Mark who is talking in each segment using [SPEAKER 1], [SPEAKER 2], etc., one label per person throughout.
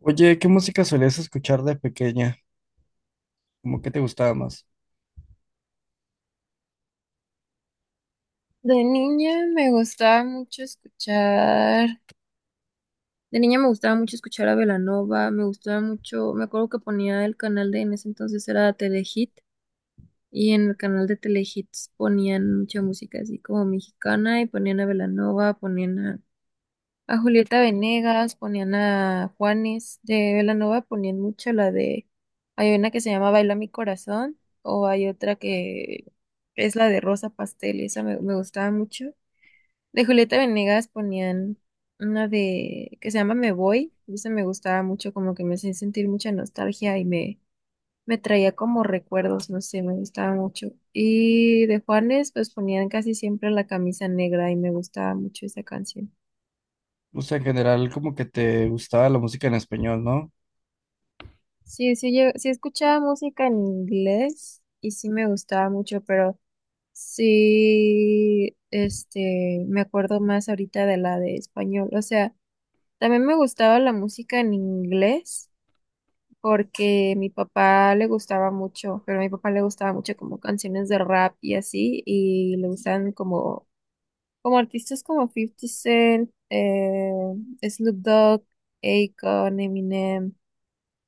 [SPEAKER 1] Oye, ¿qué música solías escuchar de pequeña? ¿Cómo que te gustaba más?
[SPEAKER 2] De niña me gustaba mucho escuchar a Belanova, me gustaba mucho, me acuerdo que ponía el canal de, en ese entonces era Telehit, y en el canal de Telehits ponían mucha música así como mexicana, y ponían a Belanova, a Julieta Venegas, ponían a Juanes. De Belanova ponían mucho la de, hay una que se llama Baila mi corazón, o hay otra que es la de Rosa Pastel, esa me gustaba mucho. De Julieta Venegas ponían una de que se llama Me Voy, y esa me gustaba mucho, como que me hacía sentir mucha nostalgia y me traía como recuerdos, no sé, me gustaba mucho. Y de Juanes, pues ponían casi siempre la camisa negra y me gustaba mucho esa canción.
[SPEAKER 1] O sea, en general, como que te gustaba la música en español, ¿no?
[SPEAKER 2] Sí, sí, yo sí escuchaba música en inglés y sí me gustaba mucho, pero sí, me acuerdo más ahorita de la de español, o sea, también me gustaba la música en inglés porque mi papá le gustaba mucho, pero a mi papá le gustaba mucho como canciones de rap y así, y le gustan como artistas como Fifty Cent, Snoop Dogg, Akon, Eminem.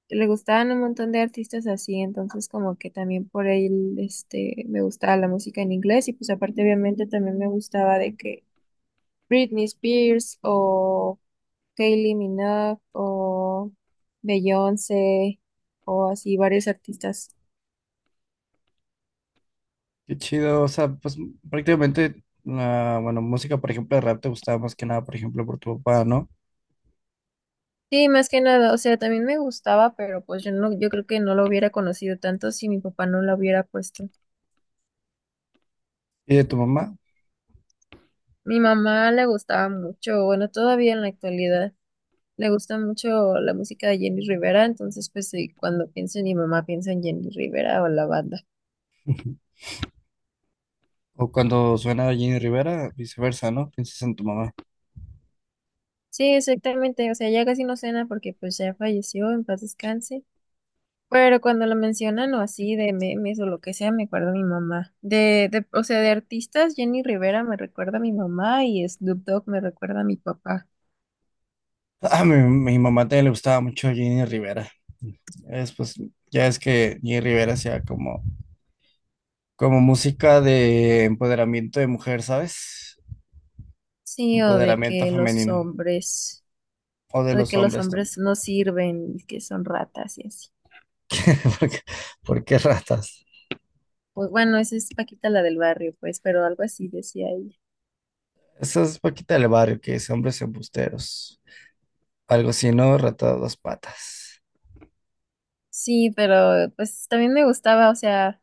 [SPEAKER 2] Le gustaban un montón de artistas así, entonces como que también por él, me gustaba la música en inglés y pues aparte obviamente también me gustaba de que Britney Spears o Kylie Minogue o Beyoncé o así varios artistas.
[SPEAKER 1] Qué chido, o sea, pues prácticamente, la, bueno, música, por ejemplo, de rap te gustaba más que nada, por ejemplo, por tu papá, ¿no?
[SPEAKER 2] Sí, más que nada, o sea, también me gustaba, pero pues yo no, yo creo que no lo hubiera conocido tanto si mi papá no lo hubiera puesto.
[SPEAKER 1] Y de tu mamá.
[SPEAKER 2] Mi mamá le gustaba mucho, bueno, todavía en la actualidad le gusta mucho la música de Jenny Rivera, entonces pues sí, cuando pienso en mi mamá pienso en Jenny Rivera o la banda.
[SPEAKER 1] Ujú. O cuando suena Jenny Rivera, viceversa, ¿no? Piensas en tu mamá.
[SPEAKER 2] Sí, exactamente, o sea, ya casi no cena porque pues ya falleció, en paz descanse. Pero cuando lo mencionan o así de memes o lo que sea, me acuerdo a mi mamá. O sea, de artistas, Jenny Rivera me recuerda a mi mamá y Snoop Dogg me recuerda a mi papá.
[SPEAKER 1] A mi mamá también le gustaba mucho Jenny Rivera. Es, pues, ya es que Jenny Rivera hacía como, como música de empoderamiento de mujer, ¿sabes?
[SPEAKER 2] Sí, o de
[SPEAKER 1] Empoderamiento
[SPEAKER 2] que los
[SPEAKER 1] femenino.
[SPEAKER 2] hombres,
[SPEAKER 1] O de
[SPEAKER 2] o de
[SPEAKER 1] los
[SPEAKER 2] que los
[SPEAKER 1] hombres
[SPEAKER 2] hombres
[SPEAKER 1] también.
[SPEAKER 2] no sirven y que son ratas y así.
[SPEAKER 1] ¿Por qué, por qué ratas?
[SPEAKER 2] Pues bueno, esa es Paquita la del barrio, pues, pero algo así decía ella.
[SPEAKER 1] Eso es Paquita del Barrio, que es hombres embusteros. Algo así, ¿no? Rata de dos patas.
[SPEAKER 2] Sí, pero pues también me gustaba, o sea.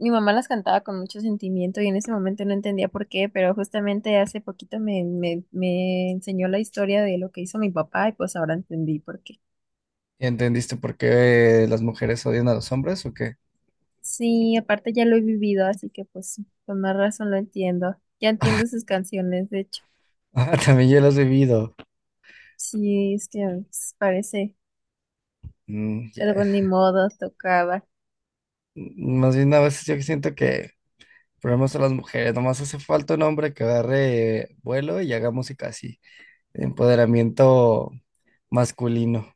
[SPEAKER 2] Mi mamá las cantaba con mucho sentimiento y en ese momento no entendía por qué, pero justamente hace poquito me enseñó la historia de lo que hizo mi papá y pues ahora entendí por qué.
[SPEAKER 1] ¿Y entendiste por qué las mujeres odian a los hombres o qué?
[SPEAKER 2] Sí, aparte ya lo he vivido, así que pues con más razón lo entiendo. Ya entiendo sus canciones, de hecho.
[SPEAKER 1] Ah, también yo lo he vivido.
[SPEAKER 2] Sí, es que pues, parece,
[SPEAKER 1] Mm, ya.
[SPEAKER 2] pero pues ni modo, tocaba.
[SPEAKER 1] Mm, más bien a veces yo siento que problemas a las mujeres. Nomás hace falta un hombre que agarre vuelo y haga música así. Empoderamiento masculino.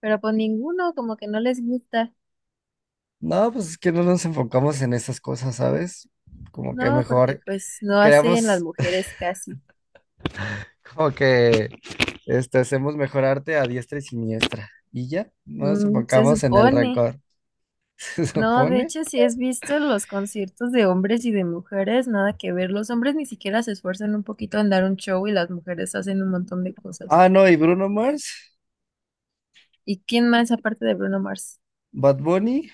[SPEAKER 2] Pero pues ninguno como que no les gusta,
[SPEAKER 1] No, pues es que no nos enfocamos en esas cosas, ¿sabes? Como que
[SPEAKER 2] ¿no? Porque
[SPEAKER 1] mejor
[SPEAKER 2] pues no hacen las
[SPEAKER 1] creamos
[SPEAKER 2] mujeres casi.
[SPEAKER 1] como que hacemos mejor arte a diestra y siniestra. Y ya, no nos
[SPEAKER 2] Mm, se
[SPEAKER 1] enfocamos en el
[SPEAKER 2] supone.
[SPEAKER 1] rencor. Se
[SPEAKER 2] No, de
[SPEAKER 1] supone.
[SPEAKER 2] hecho, si has visto los conciertos de hombres y de mujeres, nada que ver. Los hombres ni siquiera se esfuerzan un poquito en dar un show y las mujeres hacen un montón de cosas.
[SPEAKER 1] Ah, no, y Bruno Mars,
[SPEAKER 2] ¿Y quién más aparte de Bruno Mars?
[SPEAKER 1] Bad Bunny,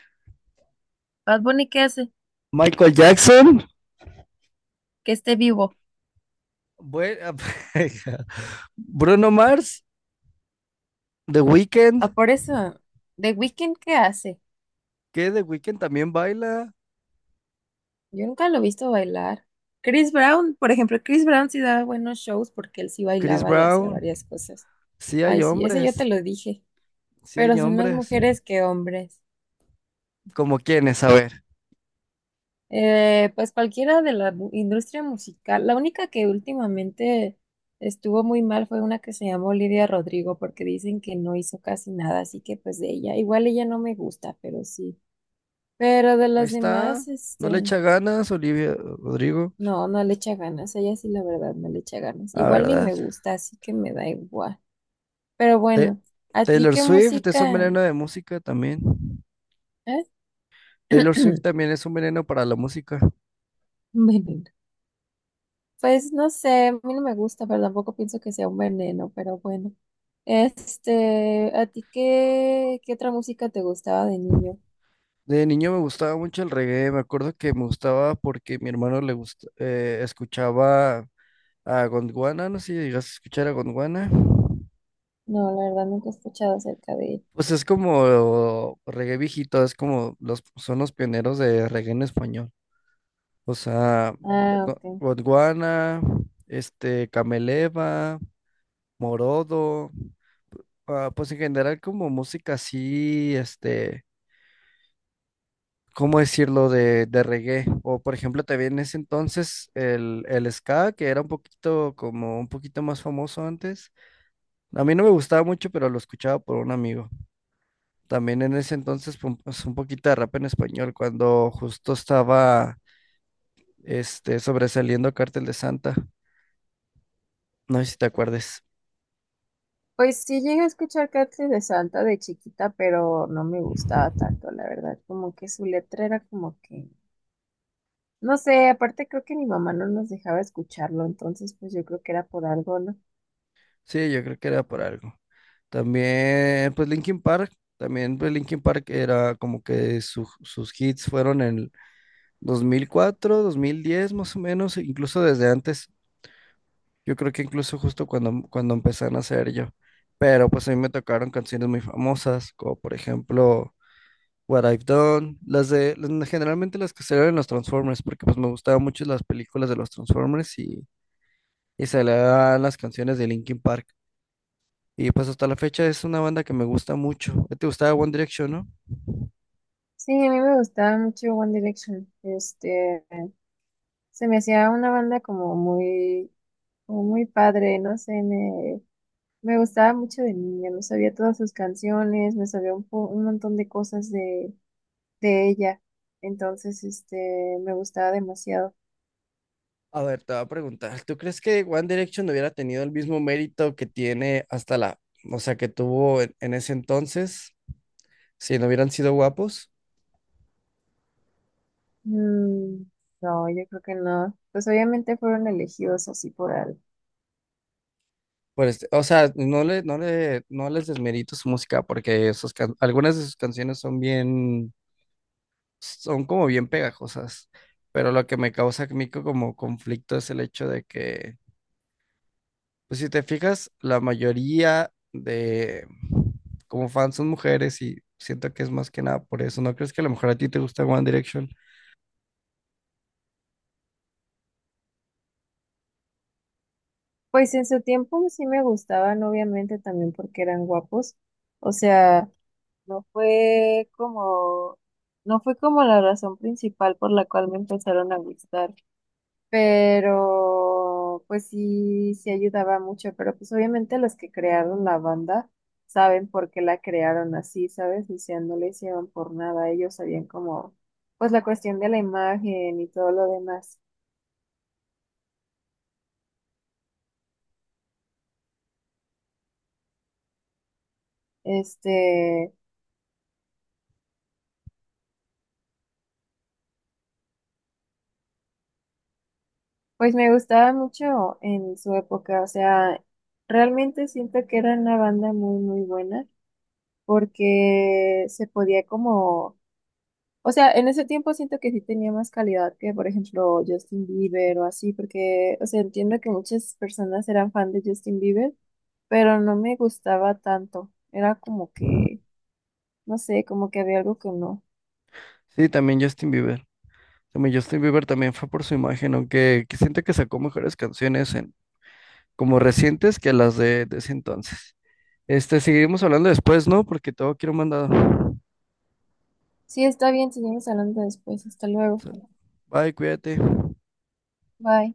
[SPEAKER 2] Bad Bunny, ¿qué hace?
[SPEAKER 1] Michael Jackson,
[SPEAKER 2] Que esté vivo.
[SPEAKER 1] bue- Bruno Mars, The
[SPEAKER 2] Ah,
[SPEAKER 1] Weeknd,
[SPEAKER 2] por eso. ¿The Weeknd qué hace?
[SPEAKER 1] que The Weeknd también baila,
[SPEAKER 2] Yo nunca lo he visto bailar. Chris Brown, por ejemplo, Chris Brown sí daba buenos shows porque él sí
[SPEAKER 1] Chris
[SPEAKER 2] bailaba y hacía
[SPEAKER 1] Brown.
[SPEAKER 2] varias cosas.
[SPEAKER 1] Sí hay
[SPEAKER 2] Ay, sí, ese yo te
[SPEAKER 1] hombres,
[SPEAKER 2] lo dije.
[SPEAKER 1] sí
[SPEAKER 2] Pero
[SPEAKER 1] hay
[SPEAKER 2] son más
[SPEAKER 1] hombres.
[SPEAKER 2] mujeres que hombres.
[SPEAKER 1] ¿Como quiénes? A ver.
[SPEAKER 2] Pues cualquiera de la industria musical. La única que últimamente estuvo muy mal fue una que se llamó Lidia Rodrigo, porque dicen que no hizo casi nada, así que pues de ella, igual ella no me gusta, pero sí. Pero de
[SPEAKER 1] Ahí
[SPEAKER 2] las
[SPEAKER 1] está.
[SPEAKER 2] demás,
[SPEAKER 1] No le echa ganas, Olivia Rodrigo.
[SPEAKER 2] no, no le echa ganas. Ella sí, la verdad, no le echa ganas.
[SPEAKER 1] La
[SPEAKER 2] Igual ni
[SPEAKER 1] verdad.
[SPEAKER 2] me gusta, así que me da igual. Pero
[SPEAKER 1] Te-
[SPEAKER 2] bueno, ¿a ti
[SPEAKER 1] Taylor
[SPEAKER 2] qué
[SPEAKER 1] Swift es un
[SPEAKER 2] música?
[SPEAKER 1] veneno de música también.
[SPEAKER 2] ¿Eh?
[SPEAKER 1] Taylor Swift también es un veneno para la música.
[SPEAKER 2] Bueno. Pues no sé, a mí no me gusta, pero tampoco pienso que sea un veneno, pero bueno. ¿A ti qué otra música te gustaba de niño?
[SPEAKER 1] De niño me gustaba mucho el reggae, me acuerdo que me gustaba porque mi hermano le gusta, escuchaba a Gondwana, no sé si llegas a escuchar a Gondwana.
[SPEAKER 2] No, la verdad nunca he escuchado acerca de ella.
[SPEAKER 1] Pues es como reggae viejito, es como los, son los pioneros de reggae en español. O sea,
[SPEAKER 2] Ah, ok.
[SPEAKER 1] Gondwana, Cameleva, Morodo. Ah, pues en general como música así, ¿cómo decirlo? De reggae. O por ejemplo también en ese entonces el ska, que era un poquito como un poquito más famoso antes. A mí no me gustaba mucho, pero lo escuchaba por un amigo. También en ese entonces pum, pues, un poquito de rap en español, cuando justo estaba sobresaliendo Cártel de Santa. No sé si te acuerdes.
[SPEAKER 2] Pues sí llegué a escuchar Cártel de Santa de chiquita, pero no me gustaba tanto, la verdad. Como que su letra era como que, no sé, aparte creo que mi mamá no nos dejaba escucharlo, entonces pues yo creo que era por algo, ¿no?
[SPEAKER 1] Sí, yo creo que era por algo. También, pues Linkin Park, también pues Linkin Park era como que sus hits fueron en el 2004, 2010 más o menos, e incluso desde antes. Yo creo que incluso justo cuando empezaron a hacer yo. Pero pues a mí me tocaron canciones muy famosas, como por ejemplo What I've Done, generalmente las que salieron en los Transformers, porque pues me gustaban mucho las películas de los Transformers y salían las canciones de Linkin Park. Y pues hasta la fecha es una banda que me gusta mucho. ¿Te gustaba One Direction, no?
[SPEAKER 2] Sí, a mí me gustaba mucho One Direction. Se me hacía una banda como muy padre, no sé, me gustaba mucho de niña, me sabía todas sus canciones, me sabía un, un montón de cosas de ella, entonces, me gustaba demasiado.
[SPEAKER 1] A ver, te voy a preguntar, ¿tú crees que One Direction hubiera tenido el mismo mérito que tiene hasta la, o sea, que tuvo en ese entonces, si no hubieran sido guapos?
[SPEAKER 2] Mm, no, yo creo que no, pues obviamente fueron elegidos así por algo.
[SPEAKER 1] Pues, o sea, no les desmerito su música porque algunas de sus canciones son bien, son como bien pegajosas, pero lo que me causa a mí como conflicto es el hecho de que pues si te fijas, la mayoría de como fans son mujeres y siento que es más que nada por eso. ¿No crees que a lo mejor a ti te gusta One Direction?
[SPEAKER 2] Pues en su tiempo sí me gustaban, obviamente también porque eran guapos, o sea... No fue como, no fue como la razón principal por la cual me empezaron a gustar, pero pues sí, sí ayudaba mucho, pero pues obviamente los que crearon la banda saben por qué la crearon así, ¿sabes? O sea, no le hicieron por nada, ellos sabían como, pues la cuestión de la imagen y todo lo demás. Este, pues me gustaba mucho en su época, o sea, realmente siento que era una banda muy, muy buena. Porque se podía como, o sea, en ese tiempo siento que sí tenía más calidad que, por ejemplo, Justin Bieber o así, porque, o sea, entiendo que muchas personas eran fan de Justin Bieber, pero no me gustaba tanto. Era como que, no sé, como que había algo que no.
[SPEAKER 1] Sí, también Justin Bieber. También Justin Bieber también fue por su imagen, aunque que siento que sacó mejores canciones en como recientes que las de ese entonces. Seguimos hablando después, ¿no? Porque tengo que ir a un mandado.
[SPEAKER 2] Sí, está bien, seguimos hablando después. Hasta luego.
[SPEAKER 1] Sal- Bye, cuídate.
[SPEAKER 2] Bye.